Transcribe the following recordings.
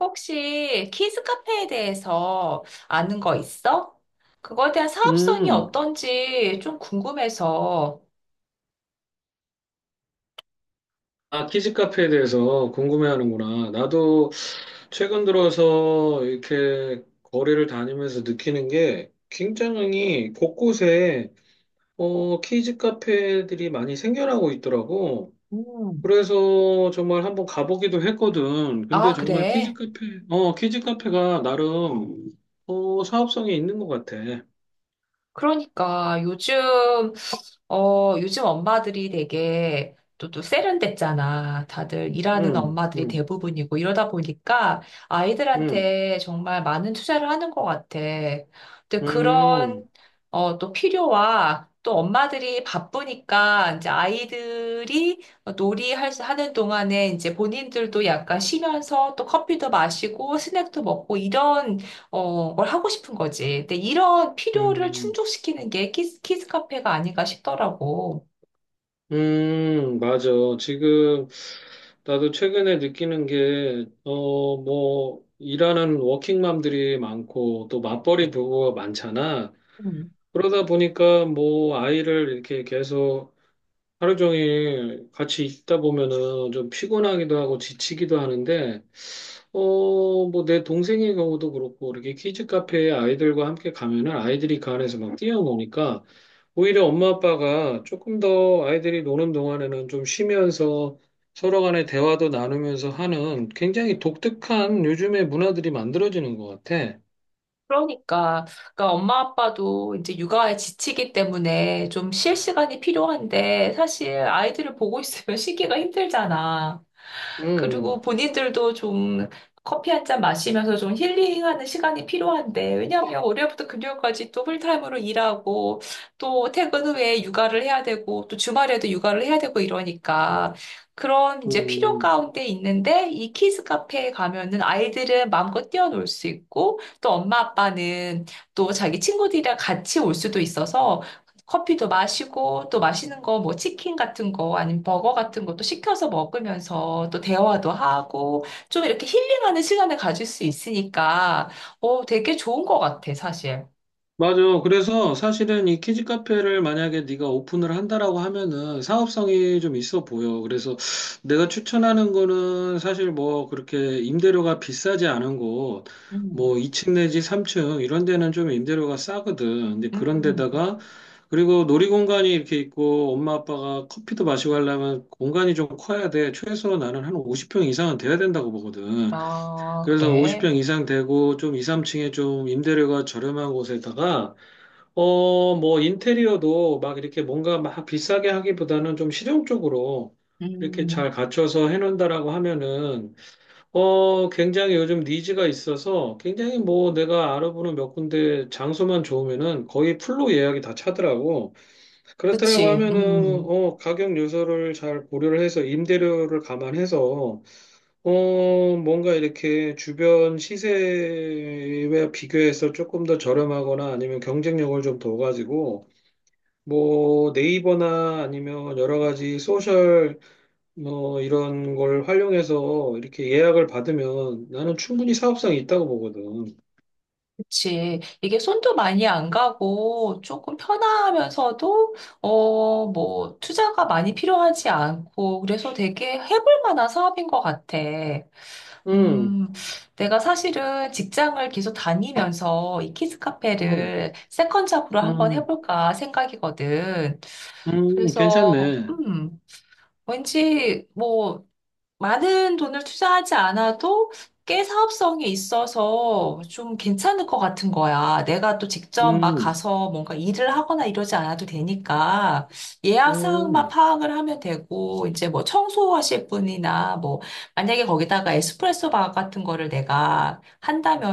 혹시 키즈 카페에 대해서 아는 거 있어? 그거에 대한 사업성이 음, 어떤지 좀 궁금해서. 아, 키즈 카페에 대해서 궁금해하는구나. 나도 최근 들어서 이렇게 거리를 다니면서 느끼는 게 굉장히 곳곳에 키즈 카페들이 많이 생겨나고 있더라고. 음. 그래서 정말 한번 가보기도 했거든. 근데 아, 정말 그래. 키즈 카페가 나름 사업성이 있는 것 같아. 그러니까 요즘 엄마들이 되게 또 세련됐잖아. 다들 일하는 음, 엄마들이 음, 대부분이고 이러다 보니까 음, 아이들한테 정말 많은 투자를 하는 것 같아. 근데 음, 또 필요와 또 엄마들이 바쁘니까 이제 아이들이 하는 동안에 이제 본인들도 약간 쉬면서 또 커피도 마시고 스낵도 먹고 이런 뭘 하고 싶은 거지. 근데 이런 필요를 음. 충족시키는 게 키스 카페가 아닌가 싶더라고. 맞아. 지금 나도 최근에 느끼는 게, 뭐, 일하는 워킹맘들이 많고, 또 맞벌이 부부가 많잖아. 그러다 보니까 뭐, 아이를 이렇게 계속 하루 종일 같이 있다 보면은 좀 피곤하기도 하고 지치기도 하는데, 뭐 내 동생의 경우도 그렇고, 이렇게 키즈 카페에 아이들과 함께 가면은 아이들이 그 안에서 막 뛰어노니까, 오히려 엄마 아빠가 조금 더 아이들이 노는 동안에는 좀 쉬면서 서로 간의 대화도 나누면서 하는 굉장히 독특한 요즘의 문화들이 만들어지는 것 같아. 그러니까, 그러니까 엄마 아빠도 이제 육아에 지치기 때문에 좀 쉴 시간이 필요한데 사실 아이들을 보고 있으면 쉬기가 힘들잖아. 그리고 음, 본인들도 좀 커피 한 잔 마시면서 좀 힐링하는 시간이 필요한데 왜냐하면 월요일부터 금요일까지 또 풀타임으로 일하고 또 퇴근 후에 육아를 해야 되고 또 주말에도 육아를 해야 되고 이러니까 그런 이제 필요 음. 가운데 있는데 이 키즈 카페에 가면은 아이들은 마음껏 뛰어놀 수 있고 또 엄마 아빠는 또 자기 친구들이랑 같이 올 수도 있어서 커피도 마시고 또 맛있는 거 뭐 치킨 같은 거 아니면 버거 같은 것도 시켜서 먹으면서 또 대화도 하고 좀 이렇게 힐링하는 시간을 가질 수 있으니까 되게 좋은 것 같아 사실. 맞아. 그래서 사실은 이 키즈 카페를 만약에 네가 오픈을 한다라고 하면은 사업성이 좀 있어 보여. 그래서 내가 추천하는 거는 사실 뭐 그렇게 임대료가 비싸지 않은 곳, 음. 뭐 2층 내지 3층 이런 데는 좀 임대료가 싸거든. 근데 그런 음. 데다가 그리고 놀이공간이 이렇게 있고 엄마 아빠가 커피도 마시고 하려면 공간이 좀 커야 돼. 최소 나는 한 50평 이상은 돼야 된다고 보거든. 아, 그래서 그래. 50평 이상 되고 좀 2, 3층에 좀 임대료가 저렴한 곳에다가 뭐, 인테리어도 막 이렇게 뭔가 막 비싸게 하기보다는 좀 실용적으로 이렇게 음. 잘 갖춰서 해놓는다라고 하면은, 굉장히 요즘 니즈가 있어서 굉장히 뭐 내가 알아보는 몇 군데 장소만 좋으면은 거의 풀로 예약이 다 차더라고. 그렇다라고 그치. 하면은, 음. 가격 요소를 잘 고려를 해서 임대료를 감안해서, 뭔가 이렇게 주변 시세와 비교해서 조금 더 저렴하거나 아니면 경쟁력을 좀 둬가지고 뭐 네이버나 아니면 여러 가지 소셜 뭐 이런 걸 활용해서 이렇게 예약을 받으면 나는 충분히 사업성이 있다고 보거든. 그치. 이게 손도 많이 안 가고 조금 편하면서도, 뭐, 투자가 많이 필요하지 않고, 그래서 되게 해볼 만한 사업인 것 같아. 음, 음, 내가 사실은 직장을 계속 다니면서 이 키즈 음, 카페를 세컨 잡으로 한번 음, 해볼까 생각이거든. 그래서, 괜찮네. 왠지 뭐, 많은 돈을 투자하지 않아도 꽤 사업성이 있어서 좀 괜찮을 것 같은 거야. 내가 또 직접 막 음, 가서 뭔가 일을 하거나 이러지 않아도 되니까 예약 사항만 음, 파악을 하면 되고 이제 뭐 청소하실 분이나 뭐 만약에 거기다가 에스프레소 바 같은 거를 내가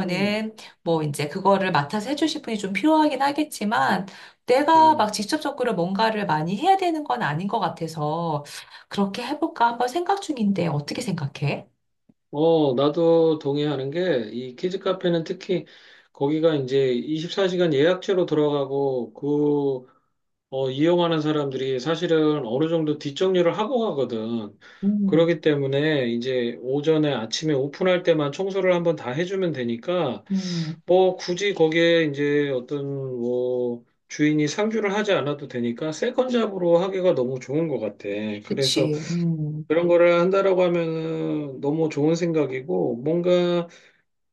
음, 뭐 이제 그거를 맡아서 해주실 분이 좀 필요하긴 하겠지만 내가 막 음. 직접적으로 뭔가를 많이 해야 되는 건 아닌 것 같아서 그렇게 해볼까 한번 생각 중인데 어떻게 생각해? 나도 동의하는 게 이 키즈 카페는 특히 거기가 이제 24시간 예약제로 들어가고 이용하는 사람들이 사실은 어느 정도 뒷정리를 하고 가거든. 그렇기 음, 때문에 이제 오전에 아침에 오픈할 때만 청소를 한번 다 해주면 되니까 음, 뭐 굳이 거기에 이제 어떤 뭐 주인이 상주를 하지 않아도 되니까 세컨잡으로 하기가 너무 좋은 것 같아. 그래서 그치. 음. 그런 거를 한다라고 하면은 너무 좋은 생각이고 뭔가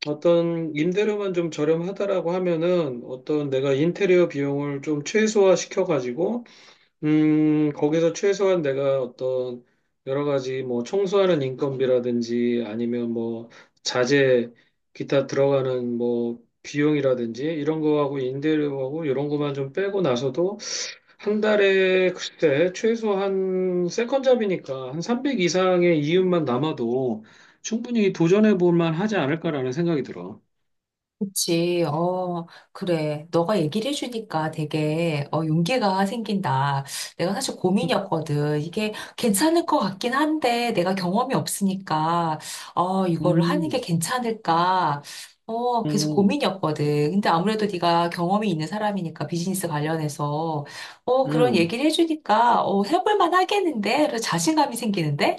어떤 임대료만 좀 저렴하다라고 하면은 어떤 내가 인테리어 비용을 좀 최소화 시켜가지고 거기서 최소한 내가 어떤 여러 가지 뭐 청소하는 인건비라든지 아니면 뭐 자재 기타 들어가는 뭐 비용이라든지 이런 거하고 임대료하고 이런 거만 좀 빼고 나서도 한 달에 글쎄 최소 한 세컨잡이니까 한 300 이상의 이윤만 남아도 충분히 도전해 볼 만하지 않을까라는 생각이 들어. 그치, 그래. 너가 얘기를 해주니까 되게, 용기가 생긴다. 내가 사실 음, 고민이었거든. 이게 괜찮을 것 같긴 한데, 내가 경험이 없으니까, 이거를 하는 게 음, 괜찮을까. 계속 음, 고민이었거든. 근데 아무래도 네가 경험이 있는 사람이니까, 비즈니스 관련해서, 그런 음. 얘기를 해주니까, 해볼 만 하겠는데? 그래서 자신감이 생기는데?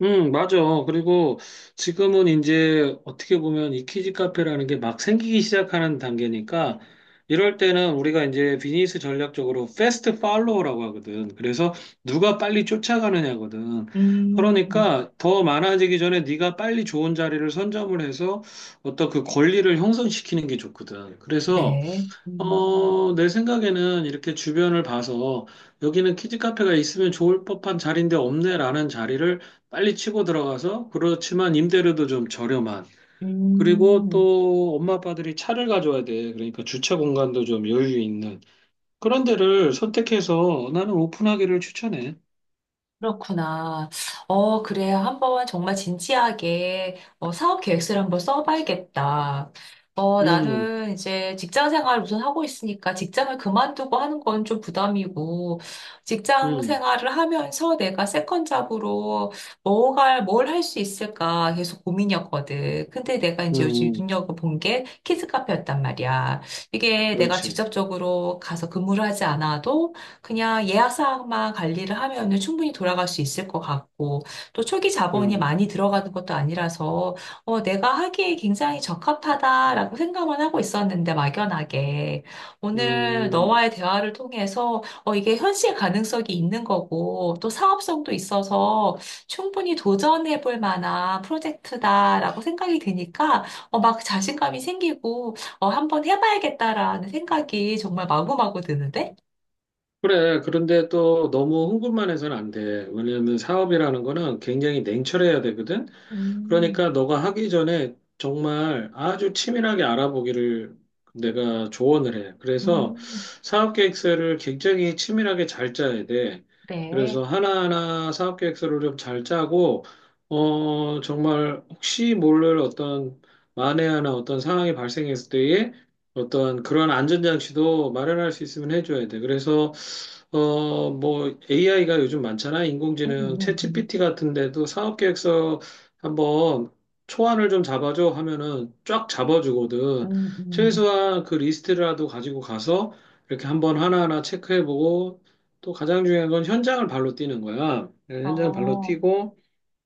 응, 맞아. 그리고 지금은 이제 어떻게 보면 이 키즈 카페라는 게 막 생기기 시작하는 단계니까 이럴 때는 우리가 이제 비즈니스 전략적으로 패스트 팔로우라고 하거든. 그래서 누가 빨리 쫓아가느냐거든. 음, 그러니까 더 많아지기 전에 네가 빨리 좋은 자리를 선점을 해서 어떤 그 권리를 형성시키는 게 좋거든. 그래서 그래. 내 생각에는 이렇게 주변을 봐서 여기는 키즈 카페가 있으면 좋을 법한 자리인데 없네라는 자리를 빨리 치고 들어가서 그렇지만 임대료도 좀 저렴한 그리고 음. 또 엄마 아빠들이 차를 가져와야 돼. 그러니까 주차 공간도 좀 여유 있는 그런 데를 선택해서 나는 오픈하기를 추천해. 그렇구나. 그래. 한번 정말 진지하게 사업 계획서를 한번 써봐야겠다. 음, 나는 이제 직장 생활 우선 하고 있으니까 직장을 그만두고 하는 건 좀 부담이고, 직장 음, 생활을 하면서 내가 세컨 잡으로 뭘 할 수 있을까 계속 고민이었거든. 근데 내가 이제 요즘 음, 눈여겨본 게 키즈카페였단 말이야. 이게 내가 그렇지. 직접적으로 가서 근무를 하지 않아도 그냥 예약 사항만 관리를 하면은 충분히 돌아갈 수 있을 것 같고, 또 초기 자본이 음, 많이 들어가는 것도 아니라서, 내가 하기에 굉장히 적합하다라고 생각만 하고 있었는데, 막연하게. 오늘 음. 너와의 대화를 통해서, 이게 현실 가능성이 있는 거고, 또 사업성도 있어서 충분히 도전해 볼 만한 프로젝트다라고 생각이 드니까, 막 자신감이 생기고, 한번 해봐야겠다라는 생각이 정말 마구마구 드는데? 그래. 그런데 또 너무 흥분만 해서는 안 돼. 왜냐하면 사업이라는 거는 굉장히 냉철해야 되거든. 음. 그러니까 너가 하기 전에 정말 아주 치밀하게 알아보기를 내가 조언을 해. 그래서 음, 사업 계획서를 굉장히 치밀하게 잘 짜야 돼. 그래. 그래서 하나하나 사업 계획서를 좀 잘 짜고, 정말 혹시 모를 어떤 만에 하나 어떤 상황이 발생했을 때에 어떤 그런 안전장치도 마련할 수 있으면 해줘야 돼. 그래서 뭐 AI가 요즘 많잖아. 음, 인공지능 음, 챗GPT 같은 데도 사업 계획서 한번 초안을 좀 잡아줘 하면은 쫙 잡아주거든. 음. 최소한 그 리스트라도 가지고 가서 이렇게 한번 하나하나 체크해보고 또 가장 중요한 건 현장을 발로 뛰는 거야. 네, 현장을 발로 어, 뛰고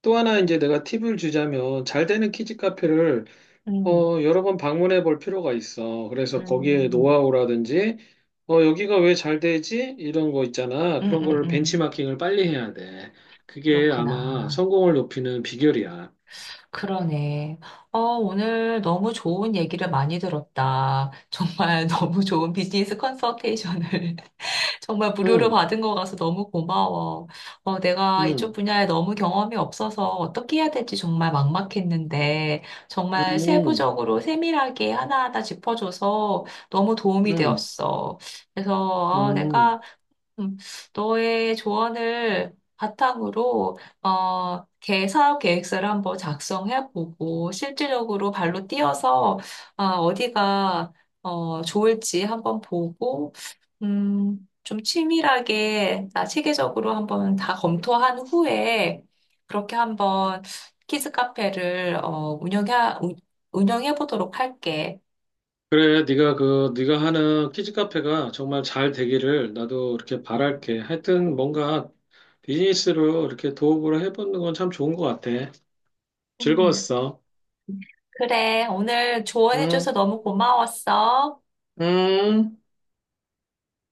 또 하나 이제 내가 팁을 주자면 잘 되는 키즈 카페를 음, 여러 번 방문해 볼 필요가 있어. 그래서 거기에 음, 노하우라든지 여기가 왜 잘 되지? 이런 거 있잖아. 음, 그런 음, 거를 음. 벤치마킹을 빨리 해야 돼. 그게 아마 그렇구나. 성공을 높이는 비결이야. 그러네. 오늘 너무 좋은 얘기를 많이 들었다. 정말 너무 좋은 비즈니스 컨설테이션을 정말 무료로 응, 받은 거 가서 너무 고마워. 내가 이쪽 응, 분야에 너무 경험이 없어서 어떻게 해야 될지 정말 막막했는데, 정말 응, 세부적으로 세밀하게 하나하나 짚어줘서 너무 도움이 응, 되었어. 그래서 응. 내가 음, 너의 조언을 바탕으로 어, 개 사업 계획서를 한번 작성해 보고 실질적으로 발로 뛰어서 어, 디가 좋을지 한번 보고 좀 치밀하게 나 체계적으로 한번 다 검토한 후에 그렇게 한번 키즈 카페를 운영해 보도록 할게. 그래, 네가 하는 키즈 카페가 정말 잘 되기를 나도 이렇게 바랄게. 하여튼 뭔가 비즈니스로 이렇게 도움을 해보는 건 참 좋은 것 같아. 음. 즐거웠어. 그래, 오늘 조언해줘서 응, 너무 고마웠어. 응.